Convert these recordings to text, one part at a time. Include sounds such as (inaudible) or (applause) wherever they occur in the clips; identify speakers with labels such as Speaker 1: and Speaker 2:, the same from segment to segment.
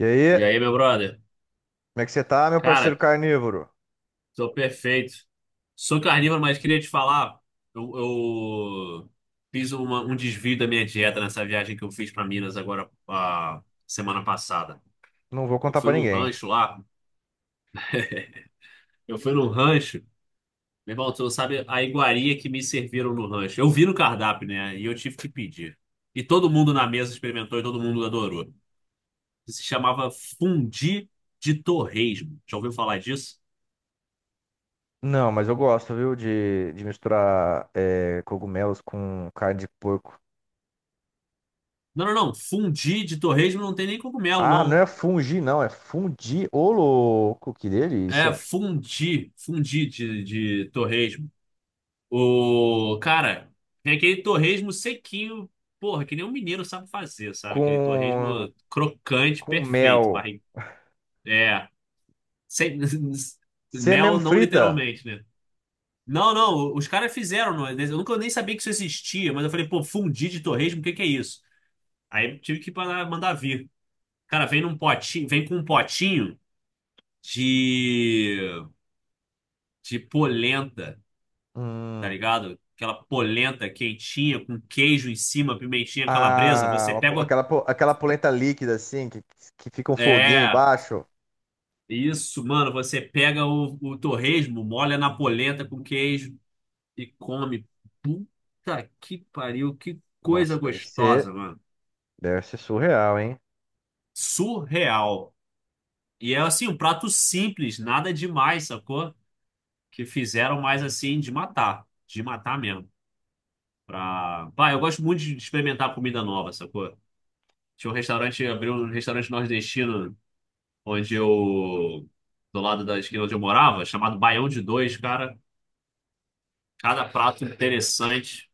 Speaker 1: E
Speaker 2: E
Speaker 1: aí,
Speaker 2: aí, meu brother?
Speaker 1: como é que você tá, meu parceiro
Speaker 2: Cara,
Speaker 1: carnívoro?
Speaker 2: tô perfeito. Sou carnívoro, mas queria te falar, eu um desvio da minha dieta nessa viagem que eu fiz pra Minas agora, a semana passada.
Speaker 1: Não vou
Speaker 2: Eu
Speaker 1: contar
Speaker 2: fui
Speaker 1: pra
Speaker 2: num
Speaker 1: ninguém.
Speaker 2: rancho lá, eu fui num rancho, meu irmão, tu não sabe a iguaria que me serviram no rancho. Eu vi no cardápio, né? E eu tive que pedir. E todo mundo na mesa experimentou e todo mundo adorou. Se chamava fundi de torresmo. Já ouviu falar disso?
Speaker 1: Não, mas eu gosto, viu, de misturar cogumelos com carne de porco.
Speaker 2: Não. Fundi de torresmo não tem nem cogumelo,
Speaker 1: Ah, não
Speaker 2: não.
Speaker 1: é fungi, não, é fundi. Ô, louco, que
Speaker 2: É
Speaker 1: delícia.
Speaker 2: fundi. Fundi de torresmo. O cara, tem aquele torresmo sequinho. Porra, que nem um mineiro sabe fazer, sabe? Aquele torresmo
Speaker 1: Com,
Speaker 2: crocante,
Speaker 1: com
Speaker 2: perfeito.
Speaker 1: mel.
Speaker 2: Barri... É. Sem... (laughs)
Speaker 1: Você é
Speaker 2: Mel,
Speaker 1: mesmo
Speaker 2: não
Speaker 1: frita?
Speaker 2: literalmente, né? Não, não. Os caras fizeram. Não é? Eu nem sabia que isso existia, mas eu falei, pô, fundi de torresmo, o que que é isso? Aí tive que mandar vir. Cara, vem num potinho, vem com um potinho de de polenta, tá
Speaker 1: Hum.
Speaker 2: ligado? Aquela polenta quentinha com queijo em cima, pimentinha calabresa.
Speaker 1: Ah,
Speaker 2: Você
Speaker 1: uma
Speaker 2: pega.
Speaker 1: po- aquela polenta líquida, assim, que fica um foguinho
Speaker 2: É,
Speaker 1: embaixo.
Speaker 2: isso, mano. Você pega o torresmo, molha na polenta com queijo e come. Puta que pariu, que coisa
Speaker 1: Nossa, deve ser,
Speaker 2: gostosa, mano.
Speaker 1: deve ser surreal, hein?
Speaker 2: Surreal. E é assim, um prato simples, nada demais, sacou? Que fizeram mais assim de matar mesmo. Pra... Pá, eu gosto muito de experimentar comida nova, sacou? Abriu um restaurante nordestino, onde eu, do lado da esquina onde eu morava, chamado Baião de Dois, cara. Cada prato interessante.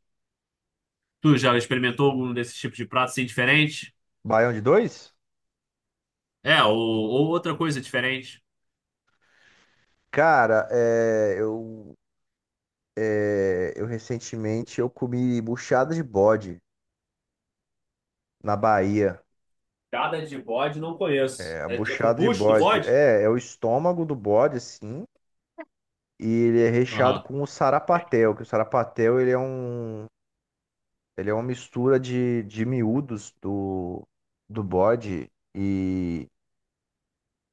Speaker 2: Tu já experimentou algum desses tipos de prato assim diferente?
Speaker 1: Baião de dois?
Speaker 2: É, ou outra coisa diferente.
Speaker 1: Cara, eu recentemente eu comi buchada de bode na Bahia.
Speaker 2: Cada de bode não
Speaker 1: É,
Speaker 2: conheço.
Speaker 1: a
Speaker 2: É, é com
Speaker 1: buchada de
Speaker 2: bucho do
Speaker 1: bode
Speaker 2: bode?
Speaker 1: é o estômago do bode, assim, e ele é recheado
Speaker 2: Aham,
Speaker 1: com o sarapatel, que o sarapatel ele ele é uma mistura de miúdos do bode e,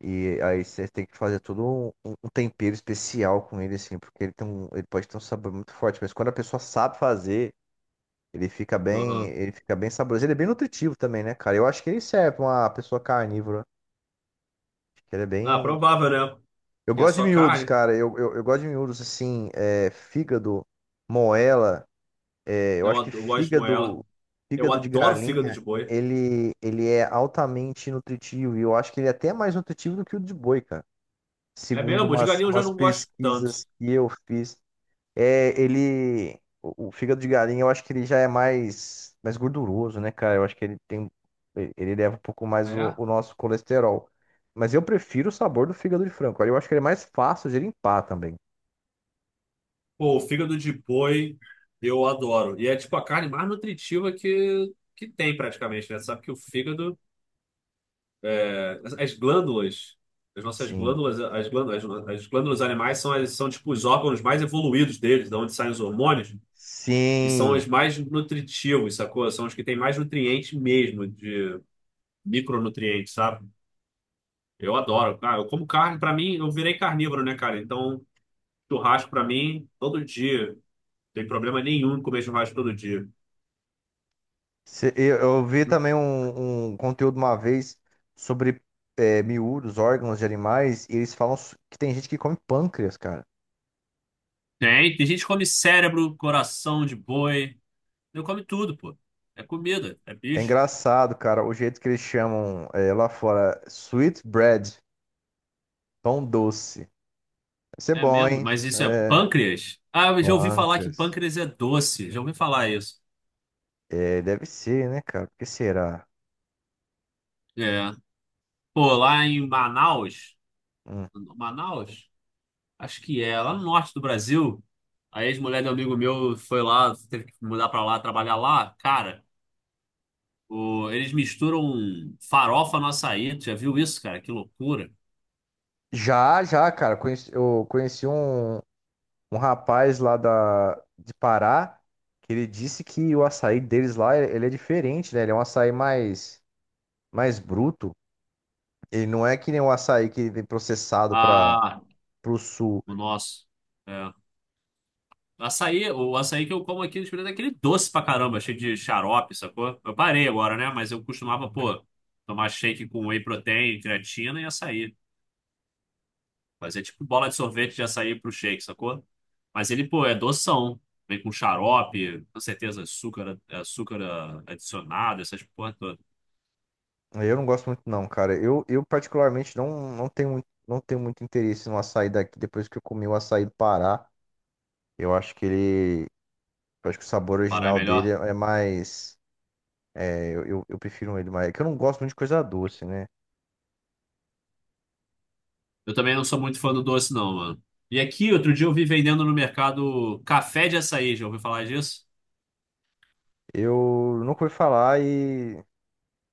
Speaker 1: e aí você tem que fazer todo um um tempero especial com ele, assim, porque ele pode ter um sabor muito forte, mas quando a pessoa sabe fazer.
Speaker 2: aham.
Speaker 1: Ele fica bem saboroso. Ele é bem nutritivo também, né, cara? Eu acho que ele serve pra uma pessoa carnívora. Acho que ele é
Speaker 2: Ah,
Speaker 1: bem.
Speaker 2: provável, né?
Speaker 1: Eu
Speaker 2: Porque é
Speaker 1: gosto de
Speaker 2: só
Speaker 1: miúdos,
Speaker 2: carne.
Speaker 1: cara. Eu gosto de miúdos assim, fígado, moela. É, eu acho que
Speaker 2: Eu gosto de moela.
Speaker 1: fígado,
Speaker 2: Eu
Speaker 1: fígado de
Speaker 2: adoro fígado
Speaker 1: galinha,
Speaker 2: de boi.
Speaker 1: ele é altamente nutritivo. E eu acho que ele é até mais nutritivo do que o de boi, cara.
Speaker 2: É
Speaker 1: Segundo
Speaker 2: mesmo, de
Speaker 1: umas,
Speaker 2: galinha eu já
Speaker 1: umas
Speaker 2: não gosto tanto.
Speaker 1: pesquisas que eu fiz. É, ele. O fígado de galinha, eu acho que ele já é mais gorduroso, né, cara? Eu acho que ele tem. Ele leva um pouco
Speaker 2: Ah,
Speaker 1: mais o,
Speaker 2: é?
Speaker 1: o nosso colesterol. Mas eu prefiro o sabor do fígado de frango, cara. Eu acho que ele é mais fácil de limpar também.
Speaker 2: Pô, o fígado de boi eu adoro. E é tipo a carne mais nutritiva que tem praticamente, né? Sabe que o fígado, é, as glândulas, as nossas
Speaker 1: Sim.
Speaker 2: glândulas, as glândulas animais são, são tipo os órgãos mais evoluídos deles, de onde saem os hormônios, e são
Speaker 1: Sim.
Speaker 2: os mais nutritivos, sacou? São os que têm mais nutrientes mesmo, de micronutrientes, sabe? Eu adoro. Ah, eu como carne, pra mim, eu virei carnívoro, né, cara? Então, churrasco pra mim, todo dia. Tem problema nenhum em comer churrasco todo dia.
Speaker 1: Eu vi também um conteúdo uma vez sobre miúdos, órgãos de animais, e eles falam que tem gente que come pâncreas, cara.
Speaker 2: Tem gente que come cérebro, coração de boi. Eu come tudo, pô. É comida, é
Speaker 1: É
Speaker 2: bicho.
Speaker 1: engraçado, cara, o jeito que eles chamam é, lá fora, sweet bread. Pão doce. Deve ser
Speaker 2: É
Speaker 1: bom,
Speaker 2: mesmo,
Speaker 1: hein?
Speaker 2: mas isso é
Speaker 1: É,
Speaker 2: pâncreas? Ah, eu já ouvi falar que
Speaker 1: pâncreas.
Speaker 2: pâncreas é doce. Já ouvi falar isso.
Speaker 1: É, deve ser, né, cara? Por que será?
Speaker 2: É. Pô, lá em Manaus,
Speaker 1: Hum.
Speaker 2: Manaus? Acho que é, lá no norte do Brasil, a ex-mulher de um amigo meu foi lá, teve que mudar pra lá, trabalhar lá. Cara, eles misturam farofa no açaí. Tu já viu isso, cara? Que loucura.
Speaker 1: Já, já, cara. Eu conheci um rapaz lá de Pará, que ele disse que o açaí deles lá, ele é diferente, né? Ele é um açaí mais bruto. Ele não é que nem o açaí que vem processado para
Speaker 2: Ah,
Speaker 1: pro sul.
Speaker 2: o nosso. É. Açaí, o açaí que eu como aqui no Espírito é aquele doce pra caramba, cheio de xarope, sacou? Eu parei agora, né? Mas eu costumava, pô, tomar shake com whey protein, creatina e açaí. Mas é tipo bola de sorvete de açaí pro shake, sacou? Mas ele, pô, é doção. Vem com xarope, com certeza açúcar, açúcar adicionado, essas porra toda.
Speaker 1: Eu não gosto muito, não, cara. Eu particularmente, não tenho muito interesse no açaí daqui depois que eu comi o açaí do Pará. Eu acho que ele. Eu acho que o sabor
Speaker 2: Pará é
Speaker 1: original dele é
Speaker 2: melhor.
Speaker 1: é mais. Eu prefiro ele mais. É que eu não gosto muito de coisa doce, né?
Speaker 2: Eu também não sou muito fã do doce, não, mano. E aqui, outro dia eu vi vendendo no mercado café de açaí, já ouviu falar disso?
Speaker 1: Eu nunca ouvi falar e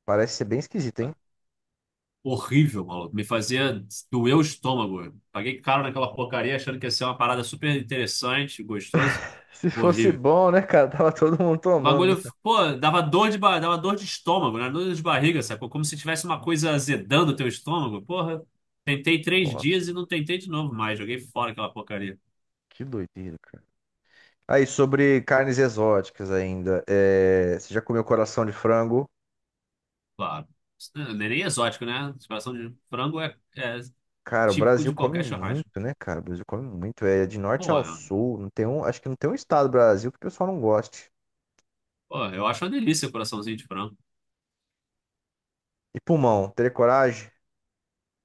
Speaker 1: parece ser bem esquisito, hein?
Speaker 2: Horrível, maluco. Me fazia doer o estômago. Paguei caro naquela porcaria achando que ia ser uma parada super interessante, gostoso.
Speaker 1: (laughs) Se fosse
Speaker 2: Horrível.
Speaker 1: bom, né, cara? Tava todo mundo
Speaker 2: O
Speaker 1: tomando,
Speaker 2: bagulho,
Speaker 1: né?
Speaker 2: pô, dava dor de estômago, né? Dor de barriga, sacou? Como se tivesse uma coisa azedando o teu estômago. Porra, tentei três
Speaker 1: Nossa,
Speaker 2: dias e não tentei de novo mais. Joguei fora aquela porcaria.
Speaker 1: que doideira, cara. Aí, sobre carnes exóticas ainda, você já comeu coração de frango?
Speaker 2: Claro. Isso não é nem exótico, né? Coração de frango é, é
Speaker 1: Cara, o
Speaker 2: típico
Speaker 1: Brasil
Speaker 2: de
Speaker 1: come
Speaker 2: qualquer churrasco.
Speaker 1: muito, né, cara? O Brasil come muito. É de norte ao
Speaker 2: Porra,
Speaker 1: sul. Não tem um... Acho que não tem um estado do Brasil que o pessoal não goste.
Speaker 2: Porra, eu acho uma delícia o coraçãozinho de frango.
Speaker 1: E pulmão, teria coragem?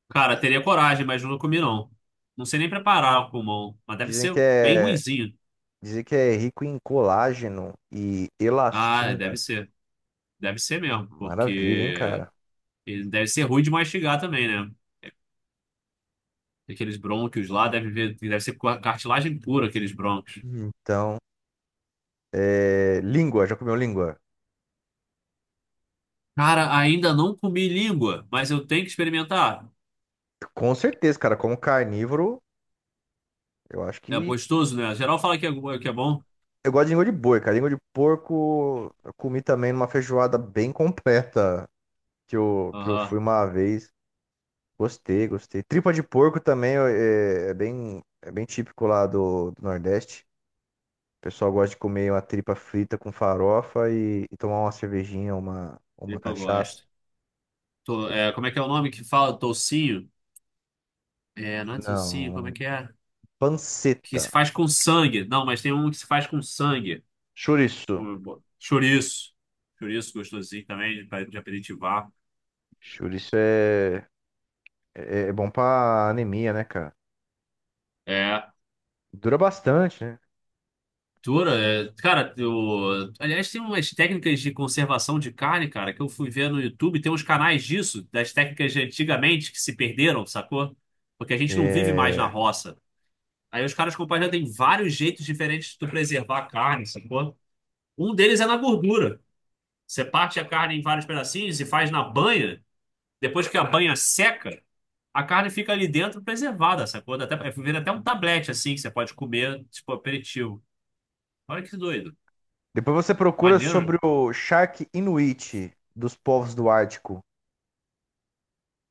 Speaker 2: Cara, teria coragem, mas não comi, não. Não sei nem preparar o pulmão, mas deve
Speaker 1: Dizem que
Speaker 2: ser bem
Speaker 1: é,
Speaker 2: ruinzinho.
Speaker 1: dizem que é rico em colágeno e
Speaker 2: Ah, deve
Speaker 1: elastina.
Speaker 2: ser. Deve ser mesmo,
Speaker 1: Maravilha, hein,
Speaker 2: porque
Speaker 1: cara?
Speaker 2: ele deve ser ruim de mastigar também, né? Aqueles brônquios lá, deve ver, deve ser cartilagem pura, aqueles brônquios.
Speaker 1: Então, língua, já comeu língua?
Speaker 2: Cara, ainda não comi língua, mas eu tenho que experimentar.
Speaker 1: Com certeza, cara. Como carnívoro, eu acho
Speaker 2: É
Speaker 1: que.
Speaker 2: gostoso, né? Geral fala que é, que é bom.
Speaker 1: Eu gosto de língua de boi, cara. Língua de porco, eu comi também numa feijoada bem completa que eu, fui
Speaker 2: Aham,
Speaker 1: uma vez. Gostei, gostei. Tripa de porco também é bem típico lá do Nordeste. O pessoal gosta de comer uma tripa frita com farofa e tomar uma cervejinha, uma
Speaker 2: tripa eu
Speaker 1: cachaça.
Speaker 2: gosto. É, como é que é o nome que fala? Tocinho? É, não é tocinho,
Speaker 1: Não,
Speaker 2: como
Speaker 1: um
Speaker 2: é? Que se
Speaker 1: panceta.
Speaker 2: faz com sangue. Não, mas tem um que se faz com sangue.
Speaker 1: Chouriço.
Speaker 2: Pô. Chouriço. Chouriço gostosinho também, de aperitivar.
Speaker 1: Chouriço é bom pra anemia, né, cara?
Speaker 2: É.
Speaker 1: Dura bastante, né?
Speaker 2: Tura, é, cara, eu, aliás, tem umas técnicas de conservação de carne, cara, que eu fui ver no YouTube. Tem uns canais disso, das técnicas de antigamente que se perderam, sacou? Porque a gente não vive mais na
Speaker 1: É.
Speaker 2: roça. Aí os caras compartilham, tem vários jeitos diferentes de tu preservar a carne, sacou? Um deles é na gordura. Você parte a carne em vários pedacinhos e faz na banha. Depois que a banha seca, a carne fica ali dentro preservada, sacou? Dá até, é, vira até um tablete assim que você pode comer, tipo aperitivo. Olha que doido.
Speaker 1: Depois você procura
Speaker 2: Maneiro.
Speaker 1: sobre o Shark Inuit dos povos do Ártico.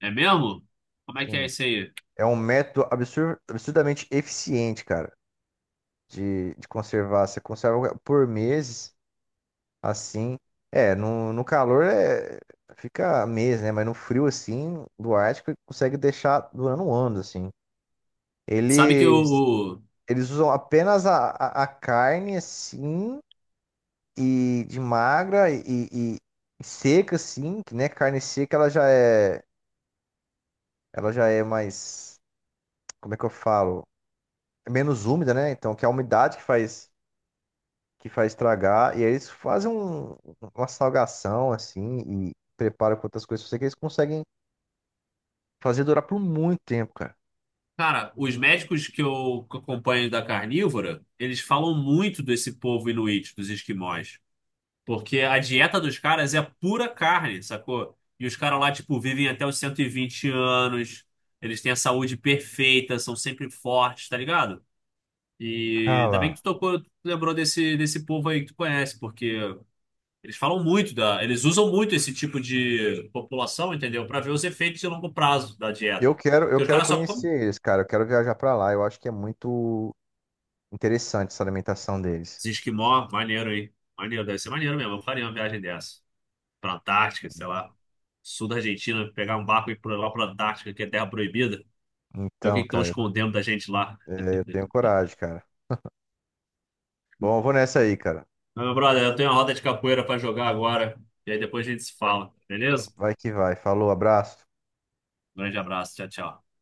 Speaker 2: É mesmo? Como é que é
Speaker 1: Sim.
Speaker 2: isso aí?
Speaker 1: É um método absurdamente eficiente, cara, de conservar. Você conserva por meses. Assim, no calor fica mês, né? Mas no frio, assim, do Ártico, ele consegue deixar durando um ano, assim.
Speaker 2: Sabe que o,
Speaker 1: Eles,
Speaker 2: o-
Speaker 1: eles usam apenas a carne, assim, e de magra e- e seca, assim, que, né? Carne seca, ela já é mais, como é que eu falo? É menos úmida, né? Então, que é a umidade que faz, estragar. E aí eles fazem uma salgação, assim, e preparam com outras coisas. Eu sei que eles conseguem fazer durar por muito tempo, cara.
Speaker 2: Cara, os médicos que eu acompanho da carnívora, eles falam muito desse povo inuit, dos esquimós. Porque a dieta dos caras é pura carne, sacou? E os caras lá, tipo, vivem até os 120 anos. Eles têm a saúde perfeita, são sempre fortes, tá ligado? E
Speaker 1: Ah
Speaker 2: ainda bem que
Speaker 1: lá.
Speaker 2: tu tocou, tu lembrou desse povo aí que tu conhece, porque eles falam muito da, eles usam muito esse tipo de população, entendeu? Pra ver os efeitos de longo prazo da
Speaker 1: Eu
Speaker 2: dieta.
Speaker 1: quero, eu
Speaker 2: Porque os
Speaker 1: quero
Speaker 2: caras só comem
Speaker 1: conhecer eles, cara. Eu quero viajar pra lá. Eu acho que é muito interessante essa alimentação deles.
Speaker 2: esses esquimó, maneiro aí. Maneiro, deve ser maneiro mesmo. Eu faria uma viagem dessa. Pra Antártica, sei lá. Sul da Argentina, pegar um barco e ir pra lá pra Antártica, que é terra proibida. Ver o que
Speaker 1: Então,
Speaker 2: que estão
Speaker 1: cara,
Speaker 2: escondendo da gente lá.
Speaker 1: eu tenho
Speaker 2: (laughs)
Speaker 1: coragem, cara. Bom, eu vou nessa aí, cara.
Speaker 2: Mas, meu brother, eu tenho uma roda de capoeira pra jogar agora. E aí depois a gente se fala, beleza?
Speaker 1: Vai que vai. Falou, abraço.
Speaker 2: Grande abraço, tchau, tchau.